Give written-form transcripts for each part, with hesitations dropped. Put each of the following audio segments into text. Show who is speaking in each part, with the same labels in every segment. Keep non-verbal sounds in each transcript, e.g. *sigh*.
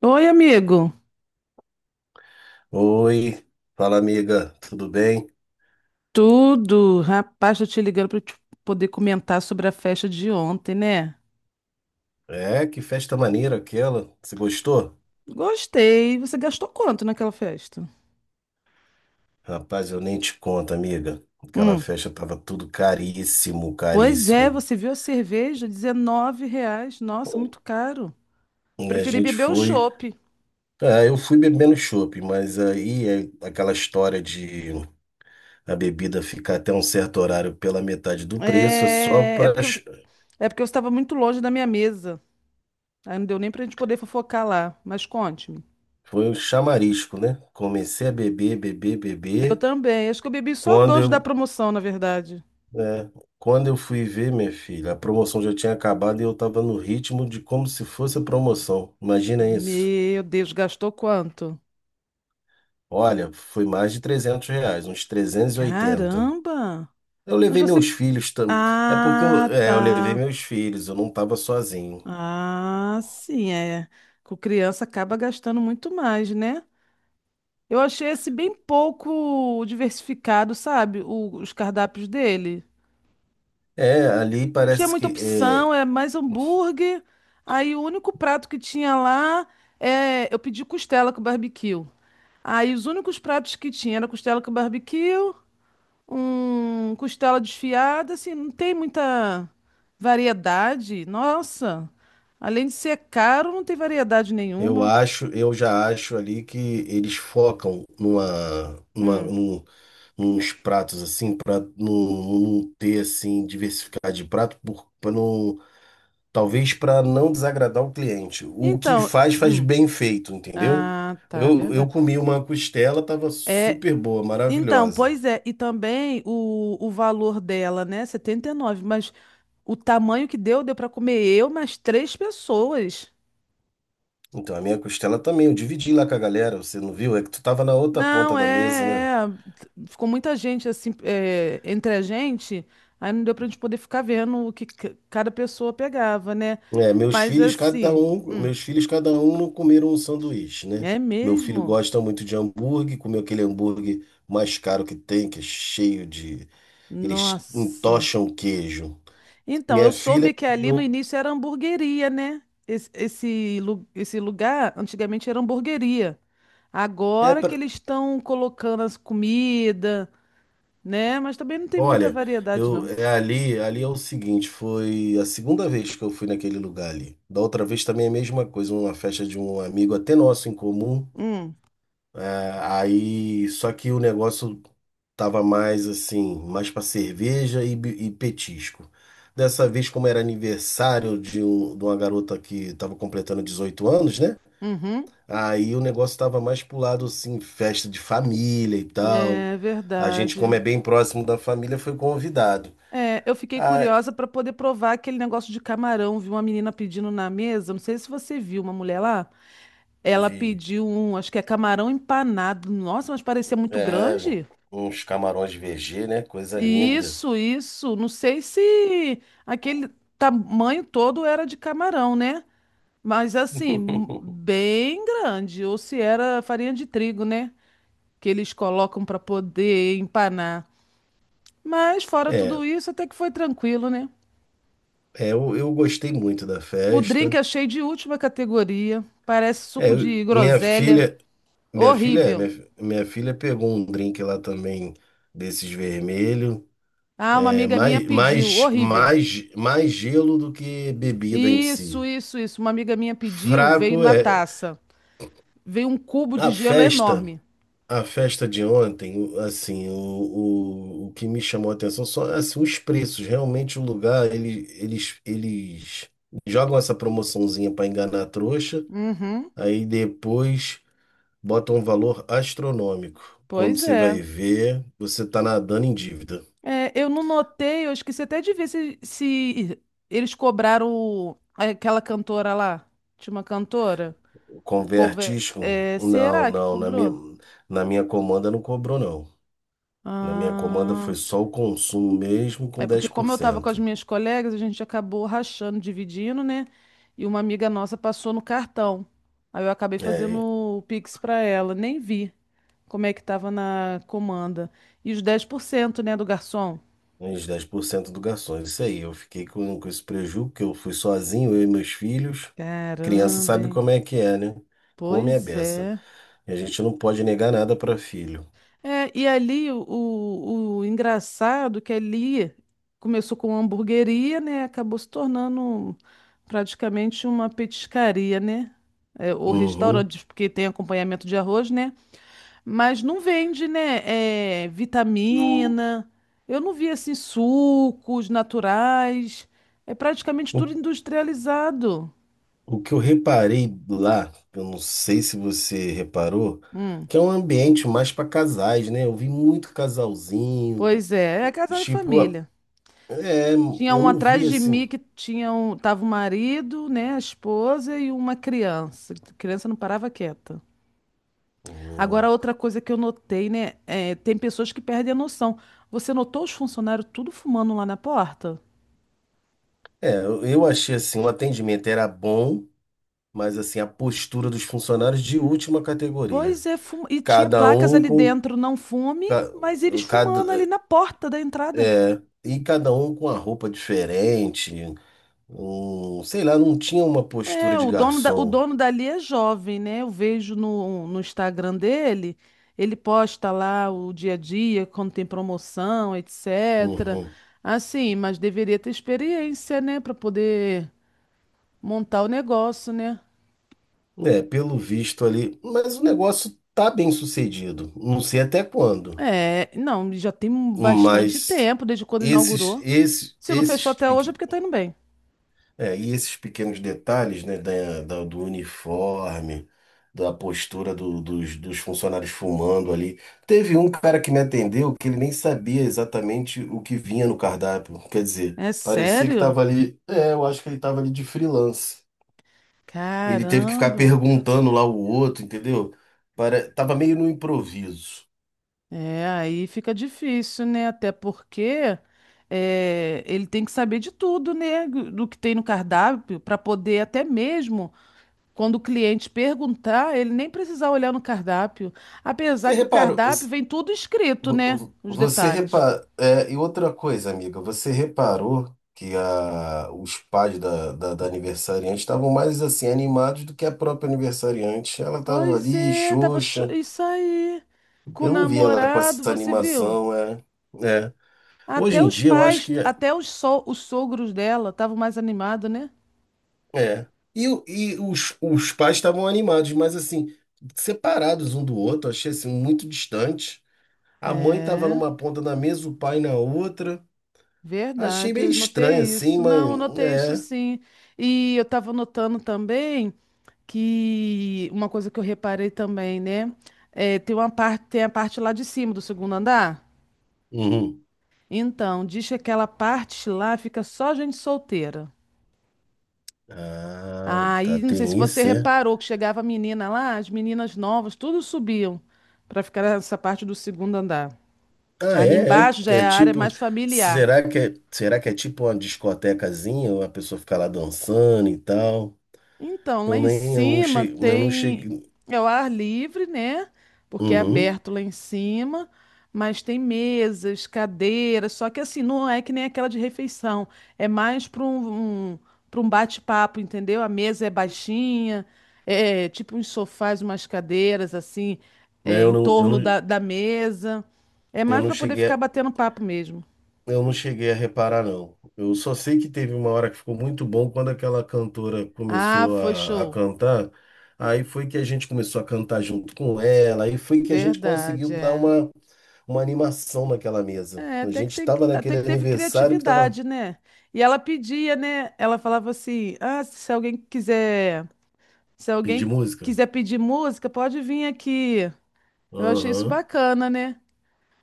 Speaker 1: Oi, amigo.
Speaker 2: Oi, fala amiga, tudo bem?
Speaker 1: Tudo? Rapaz, tô te ligando para poder comentar sobre a festa de ontem, né?
Speaker 2: É, que festa maneira aquela. Você gostou?
Speaker 1: Gostei. Você gastou quanto naquela festa?
Speaker 2: Rapaz, eu nem te conto, amiga. Aquela
Speaker 1: Hum.
Speaker 2: festa tava tudo caríssimo,
Speaker 1: Pois é,
Speaker 2: caríssimo.
Speaker 1: você viu a cerveja? R$ 19. Nossa, muito caro.
Speaker 2: E a
Speaker 1: Preferi
Speaker 2: gente
Speaker 1: beber o
Speaker 2: foi.
Speaker 1: chopp.
Speaker 2: Ah, eu fui bebendo chopp, mas aí é aquela história de a bebida ficar até um certo horário pela metade do preço, é só
Speaker 1: É, é
Speaker 2: pra.
Speaker 1: porque você... é porque eu estava muito longe da minha mesa. Aí não deu nem pra gente poder fofocar lá. Mas conte-me.
Speaker 2: Foi um chamarisco, né? Comecei a beber, beber,
Speaker 1: Eu
Speaker 2: beber.
Speaker 1: também. Acho que eu bebi só
Speaker 2: Quando
Speaker 1: dois da
Speaker 2: eu
Speaker 1: promoção, na verdade.
Speaker 2: É, Quando eu fui ver, minha filha, a promoção já tinha acabado e eu tava no ritmo de como se fosse a promoção. Imagina isso.
Speaker 1: Meu Deus, gastou quanto?
Speaker 2: Olha, foi mais de R$ 300, uns 380.
Speaker 1: Caramba!
Speaker 2: Eu
Speaker 1: Mas
Speaker 2: levei
Speaker 1: você.
Speaker 2: meus filhos também. É porque
Speaker 1: Ah,
Speaker 2: eu levei
Speaker 1: tá.
Speaker 2: meus filhos, eu não tava sozinho.
Speaker 1: Ah, sim, é. Com criança acaba gastando muito mais, né? Eu achei esse bem pouco diversificado, sabe? Os cardápios dele.
Speaker 2: É, ali
Speaker 1: Não tinha
Speaker 2: parece
Speaker 1: muita
Speaker 2: que
Speaker 1: opção,
Speaker 2: é,
Speaker 1: é mais hambúrguer. Aí o único prato que tinha lá é. Eu pedi costela com barbecue. Aí os únicos pratos que tinha era costela com barbecue um costela desfiada, assim, não tem muita variedade. Nossa, além de ser caro, não tem variedade nenhuma.
Speaker 2: eu já acho ali que eles focam
Speaker 1: Hum.
Speaker 2: num uns pratos assim, para não ter assim, diversificar de prato por, pra não. Talvez para não desagradar o cliente. O que
Speaker 1: Então,
Speaker 2: faz, faz
Speaker 1: hum.
Speaker 2: bem feito, entendeu?
Speaker 1: Ah, tá,
Speaker 2: Eu
Speaker 1: verdade.
Speaker 2: comi uma costela, tava
Speaker 1: É,
Speaker 2: super boa,
Speaker 1: então,
Speaker 2: maravilhosa.
Speaker 1: pois é, e também o valor dela, né, 79 mas o tamanho que deu, deu para comer eu mais três pessoas.
Speaker 2: Então, a minha costela também, eu dividi lá com a galera, você não viu? É que tu tava na outra ponta
Speaker 1: Não,
Speaker 2: da mesa, né?
Speaker 1: é, é. Ficou muita gente assim, é, entre a gente, aí não deu pra gente poder ficar vendo o que cada pessoa pegava, né?
Speaker 2: É,
Speaker 1: Mas assim, hum,
Speaker 2: meus filhos, cada um não comeram um sanduíche, né?
Speaker 1: é
Speaker 2: Meu filho
Speaker 1: mesmo?
Speaker 2: gosta muito de hambúrguer, comeu aquele hambúrguer mais caro que tem, que é cheio de. Eles
Speaker 1: Nossa.
Speaker 2: entocham queijo.
Speaker 1: Então, eu
Speaker 2: Minha filha
Speaker 1: soube que ali no
Speaker 2: comeu.
Speaker 1: início era hamburgueria, né? Esse lugar antigamente era hamburgueria. Agora que eles estão colocando as comida, né? Mas também não tem muita
Speaker 2: Olha,
Speaker 1: variedade, não.
Speaker 2: ali é o seguinte, foi a segunda vez que eu fui naquele lugar ali. Da outra vez também é a mesma coisa, uma festa de um amigo até nosso em comum.
Speaker 1: Hum,
Speaker 2: É, aí, só que o negócio tava mais assim, mais para cerveja e petisco. Dessa vez, como era aniversário de uma garota que tava completando 18 anos, né?
Speaker 1: uhum.
Speaker 2: Aí o negócio tava mais pro lado assim, festa de família e tal.
Speaker 1: É
Speaker 2: A gente, como
Speaker 1: verdade.
Speaker 2: é bem próximo da família, foi convidado.
Speaker 1: É, eu fiquei
Speaker 2: Ah,
Speaker 1: curiosa para poder provar aquele negócio de camarão. Vi uma menina pedindo na mesa, não sei se você viu, uma mulher lá. Ela
Speaker 2: vi.
Speaker 1: pediu um, acho que é camarão empanado. Nossa, mas parecia muito
Speaker 2: É,
Speaker 1: grande.
Speaker 2: uns camarões de VG, né? Coisa linda.
Speaker 1: Isso, isso. Não sei se aquele tamanho todo era de camarão, né? Mas assim,
Speaker 2: *laughs*
Speaker 1: bem grande. Ou se era farinha de trigo, né? Que eles colocam para poder empanar. Mas fora
Speaker 2: É,
Speaker 1: tudo isso, até que foi tranquilo, né?
Speaker 2: eu gostei muito da
Speaker 1: O drink
Speaker 2: festa.
Speaker 1: achei de última categoria. Parece
Speaker 2: É,
Speaker 1: suco
Speaker 2: eu-
Speaker 1: de groselha.
Speaker 2: minha filha, é,
Speaker 1: Horrível.
Speaker 2: minha, fi- minha filha pegou um drink lá também desses vermelho.
Speaker 1: Ah, uma
Speaker 2: É
Speaker 1: amiga minha pediu. Horrível.
Speaker 2: mais gelo do que bebida em
Speaker 1: Isso,
Speaker 2: si.
Speaker 1: isso, isso. Uma amiga minha pediu, veio
Speaker 2: Fraco
Speaker 1: na
Speaker 2: é
Speaker 1: taça. Veio um cubo de
Speaker 2: a
Speaker 1: gelo
Speaker 2: festa.
Speaker 1: enorme.
Speaker 2: A festa de ontem, o que me chamou a atenção são assim, os preços. Realmente o lugar, eles jogam essa promoçãozinha para enganar a trouxa,
Speaker 1: Uhum.
Speaker 2: aí depois botam um valor astronômico. Quando
Speaker 1: Pois
Speaker 2: você vai
Speaker 1: é.
Speaker 2: ver, você tá nadando em dívida.
Speaker 1: É, eu não notei, eu esqueci até de ver se eles cobraram aquela cantora lá. Tinha uma cantora? O cover.
Speaker 2: Convertisco?
Speaker 1: É,
Speaker 2: Não,
Speaker 1: será que cobrou?
Speaker 2: na minha comanda não cobrou, não. Na minha comanda foi
Speaker 1: Ah.
Speaker 2: só o consumo mesmo com
Speaker 1: É porque
Speaker 2: dez por
Speaker 1: como eu estava com as
Speaker 2: cento
Speaker 1: minhas colegas, a gente acabou rachando, dividindo, né? E uma amiga nossa passou no cartão. Aí eu acabei fazendo
Speaker 2: É.
Speaker 1: o Pix para ela, nem vi como é que estava na comanda. E os 10%, né, do garçom.
Speaker 2: Uns 10% do garçom, isso aí. Eu fiquei com esse prejuízo porque eu fui sozinho, eu e meus filhos. Criança
Speaker 1: Caramba,
Speaker 2: sabe
Speaker 1: hein?
Speaker 2: como é que é, né? Come a
Speaker 1: Pois
Speaker 2: beça.
Speaker 1: é.
Speaker 2: E a gente não pode negar nada para filho.
Speaker 1: É, e ali o engraçado é que ali começou com uma hamburgueria, né? Acabou se tornando praticamente uma petiscaria, né? É, ou
Speaker 2: Uhum.
Speaker 1: restaurante, porque tem acompanhamento de arroz, né? Mas não vende, né? É, vitamina. Eu não vi assim sucos naturais. É praticamente
Speaker 2: O,
Speaker 1: tudo industrializado.
Speaker 2: o que eu reparei lá, eu não sei se você reparou,
Speaker 1: Hum,
Speaker 2: que é um ambiente mais para casais, né? Eu vi muito casalzinho.
Speaker 1: pois é, é casal e
Speaker 2: Tipo,
Speaker 1: família.
Speaker 2: é,
Speaker 1: Tinha
Speaker 2: eu
Speaker 1: um
Speaker 2: não vi
Speaker 1: atrás de mim
Speaker 2: assim.
Speaker 1: que tava o marido, né, a esposa e uma criança. A criança não parava quieta. Agora,
Speaker 2: Uhum.
Speaker 1: outra coisa que eu notei, né, é, tem pessoas que perdem a noção. Você notou os funcionários tudo fumando lá na porta?
Speaker 2: É, eu achei assim, o atendimento era bom, mas assim, a postura dos funcionários de última categoria.
Speaker 1: Pois é, e tinha
Speaker 2: Cada
Speaker 1: placas
Speaker 2: um
Speaker 1: ali
Speaker 2: com
Speaker 1: dentro, não fume,
Speaker 2: ca-
Speaker 1: mas eles fumando ali
Speaker 2: cada
Speaker 1: na porta da entrada.
Speaker 2: E cada um com a roupa diferente. Um, sei lá, não tinha uma postura
Speaker 1: É,
Speaker 2: de
Speaker 1: o dono da, o
Speaker 2: garçom.
Speaker 1: dono dali é jovem, né? Eu vejo no Instagram dele, ele posta lá o dia a dia, quando tem promoção, etc.
Speaker 2: Uhum.
Speaker 1: Assim, mas deveria ter experiência, né, para poder montar o negócio, né?
Speaker 2: É, pelo visto ali, mas o negócio tá bem sucedido. Não sei até quando,
Speaker 1: É, não, já tem bastante
Speaker 2: mas
Speaker 1: tempo desde quando
Speaker 2: esses
Speaker 1: inaugurou.
Speaker 2: esses
Speaker 1: Se não fechou
Speaker 2: esses
Speaker 1: até hoje é porque tá indo bem.
Speaker 2: É, e esses pequenos detalhes, né, do uniforme, da postura dos, dos funcionários fumando ali. Teve um cara que me atendeu que ele nem sabia exatamente o que vinha no cardápio. Quer dizer,
Speaker 1: É
Speaker 2: parecia que
Speaker 1: sério?
Speaker 2: estava ali. É, eu acho que ele estava ali de freelance. Ele teve que ficar
Speaker 1: Caramba.
Speaker 2: perguntando lá o outro, entendeu? Para, tava meio no improviso.
Speaker 1: É, aí fica difícil, né? Até porque ele tem que saber de tudo, né? Do que tem no cardápio, para poder até mesmo, quando o cliente perguntar, ele nem precisar olhar no cardápio. Apesar
Speaker 2: Você
Speaker 1: que o
Speaker 2: reparou?
Speaker 1: cardápio vem tudo escrito, né? Os
Speaker 2: Você
Speaker 1: detalhes.
Speaker 2: repara... é, e outra coisa, amiga, você reparou que a, os pais da, da, da aniversariante estavam mais assim animados do que a própria aniversariante. Ela estava
Speaker 1: Pois
Speaker 2: ali,
Speaker 1: é,
Speaker 2: xoxa.
Speaker 1: isso aí. Com o
Speaker 2: Eu não vi ela com
Speaker 1: namorado,
Speaker 2: essa
Speaker 1: você viu?
Speaker 2: animação, é. É. Hoje
Speaker 1: Até
Speaker 2: em
Speaker 1: os
Speaker 2: dia eu acho
Speaker 1: pais,
Speaker 2: que
Speaker 1: os sogros dela estavam mais animados, né?
Speaker 2: é. E os pais estavam animados, mas assim, separados um do outro, achei assim muito distante. A mãe estava
Speaker 1: É.
Speaker 2: numa ponta da mesa, o pai na outra. Achei
Speaker 1: Verdade,
Speaker 2: meio
Speaker 1: eu
Speaker 2: estranho
Speaker 1: notei
Speaker 2: assim,
Speaker 1: isso.
Speaker 2: mas
Speaker 1: Não, eu notei isso
Speaker 2: é.
Speaker 1: sim. E eu estava notando também que uma coisa que eu reparei também, né? É, tem uma parte, tem a parte lá de cima do segundo andar.
Speaker 2: Uhum.
Speaker 1: Então, diz que aquela parte lá fica só gente solteira.
Speaker 2: Ah, tá,
Speaker 1: Aí, não sei se
Speaker 2: tem
Speaker 1: você
Speaker 2: isso, é?
Speaker 1: reparou que chegava a menina lá, as meninas novas, tudo subiam para ficar nessa parte do segundo andar.
Speaker 2: Ah,
Speaker 1: Ali
Speaker 2: é, é.
Speaker 1: embaixo já
Speaker 2: É
Speaker 1: é a área
Speaker 2: tipo,
Speaker 1: mais familiar.
Speaker 2: será que é tipo uma discotecazinha, uma pessoa fica lá dançando e tal?
Speaker 1: Então, lá em cima
Speaker 2: Eu não
Speaker 1: tem
Speaker 2: cheguei,
Speaker 1: é o ar livre, né? Porque é
Speaker 2: uhum.
Speaker 1: aberto lá em cima, mas tem mesas, cadeiras, só que assim, não é que nem aquela de refeição, é mais para um bate-papo, entendeu? A mesa é baixinha, é tipo uns sofás, umas cadeiras assim,
Speaker 2: É,
Speaker 1: é, em
Speaker 2: Eu
Speaker 1: torno
Speaker 2: não,
Speaker 1: da mesa. É
Speaker 2: eu
Speaker 1: mais
Speaker 2: não
Speaker 1: para poder
Speaker 2: cheguei,
Speaker 1: ficar
Speaker 2: a-
Speaker 1: batendo papo mesmo.
Speaker 2: eu não cheguei a reparar, não. Eu só sei que teve uma hora que ficou muito bom quando aquela cantora
Speaker 1: Ah,
Speaker 2: começou
Speaker 1: foi
Speaker 2: a
Speaker 1: show.
Speaker 2: cantar. Aí foi que a gente começou a cantar junto com ela, aí foi que a gente conseguiu
Speaker 1: Verdade,
Speaker 2: dar
Speaker 1: é.
Speaker 2: uma animação naquela mesa.
Speaker 1: É,
Speaker 2: A
Speaker 1: até
Speaker 2: gente
Speaker 1: que tem,
Speaker 2: estava
Speaker 1: até
Speaker 2: naquele
Speaker 1: que teve
Speaker 2: aniversário que tava.
Speaker 1: criatividade, né? E ela pedia, né? Ela falava assim: "Ah, se alguém quiser, se
Speaker 2: Pedir
Speaker 1: alguém
Speaker 2: música?
Speaker 1: quiser pedir música, pode vir aqui". Eu achei isso
Speaker 2: Aham.
Speaker 1: bacana, né?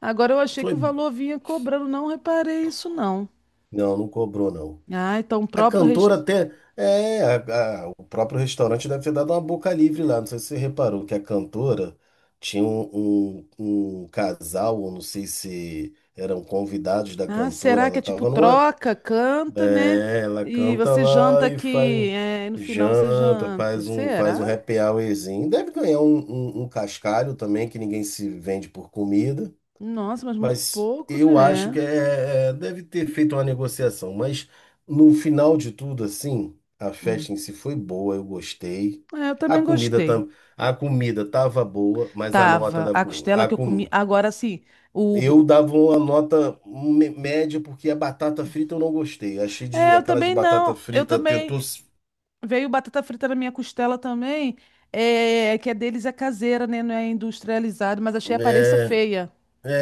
Speaker 1: Agora eu achei que o
Speaker 2: Foi.
Speaker 1: valor vinha cobrando, não reparei isso não.
Speaker 2: Não, não cobrou, não.
Speaker 1: Ah, então o
Speaker 2: A
Speaker 1: próprio
Speaker 2: cantora
Speaker 1: rest...
Speaker 2: até. É, o próprio restaurante deve ter dado uma boca livre lá. Não sei se você reparou que a cantora tinha um casal, ou não sei se eram convidados da
Speaker 1: Ah,
Speaker 2: cantora.
Speaker 1: será que
Speaker 2: Ela
Speaker 1: é
Speaker 2: estava.
Speaker 1: tipo troca, canta, né?
Speaker 2: É, ela
Speaker 1: E
Speaker 2: canta
Speaker 1: você janta
Speaker 2: lá e
Speaker 1: aqui,
Speaker 2: faz
Speaker 1: é, e no final você
Speaker 2: janta,
Speaker 1: janta.
Speaker 2: faz um
Speaker 1: Será?
Speaker 2: happy hourzinho. Deve ganhar um cascalho também, que ninguém se vende por comida.
Speaker 1: Nossa, mas muito
Speaker 2: Mas
Speaker 1: pouco,
Speaker 2: eu acho que
Speaker 1: né?
Speaker 2: deve ter feito uma negociação. Mas no final de tudo, assim, a
Speaker 1: Hum.
Speaker 2: festa em si foi boa, eu gostei.
Speaker 1: É, eu
Speaker 2: A
Speaker 1: também
Speaker 2: comida,
Speaker 1: gostei.
Speaker 2: tam, a comida tava boa, mas a nota
Speaker 1: Tava.
Speaker 2: da
Speaker 1: A
Speaker 2: comida.
Speaker 1: costela que eu comi. Agora sim.
Speaker 2: Eu
Speaker 1: O...
Speaker 2: dava uma nota média porque a batata frita eu não gostei. Achei de
Speaker 1: É, eu
Speaker 2: aquela de
Speaker 1: também
Speaker 2: batata
Speaker 1: não. Eu
Speaker 2: frita
Speaker 1: também. Veio batata frita na minha costela também. É, que é deles é caseira, né? Não é industrializado, mas achei a aparência
Speaker 2: é,
Speaker 1: feia.
Speaker 2: é,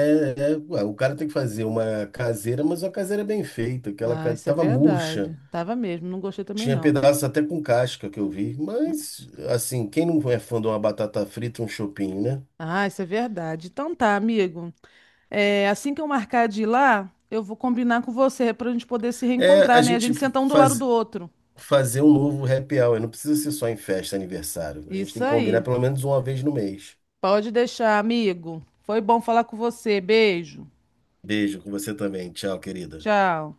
Speaker 2: é, ué, o cara tem que fazer uma caseira, mas uma caseira bem feita.
Speaker 1: Ah, isso é
Speaker 2: Tava murcha,
Speaker 1: verdade. Tava mesmo. Não gostei também,
Speaker 2: tinha
Speaker 1: não.
Speaker 2: pedaço até com casca que eu vi. Mas assim, quem não é fã de uma batata frita, um chopinho, né?
Speaker 1: Ah, isso é verdade. Então tá, amigo. É, assim que eu marcar de ir lá, eu vou combinar com você pra gente poder se
Speaker 2: É
Speaker 1: reencontrar,
Speaker 2: a
Speaker 1: né? A
Speaker 2: gente
Speaker 1: gente sentar um do lado do
Speaker 2: faz,
Speaker 1: outro.
Speaker 2: fazer um novo happy hour. Não precisa ser só em festa, aniversário. A gente
Speaker 1: Isso
Speaker 2: tem que combinar
Speaker 1: aí.
Speaker 2: pelo menos uma vez no mês.
Speaker 1: Pode deixar, amigo. Foi bom falar com você. Beijo.
Speaker 2: Beijo com você também. Tchau, querida.
Speaker 1: Tchau.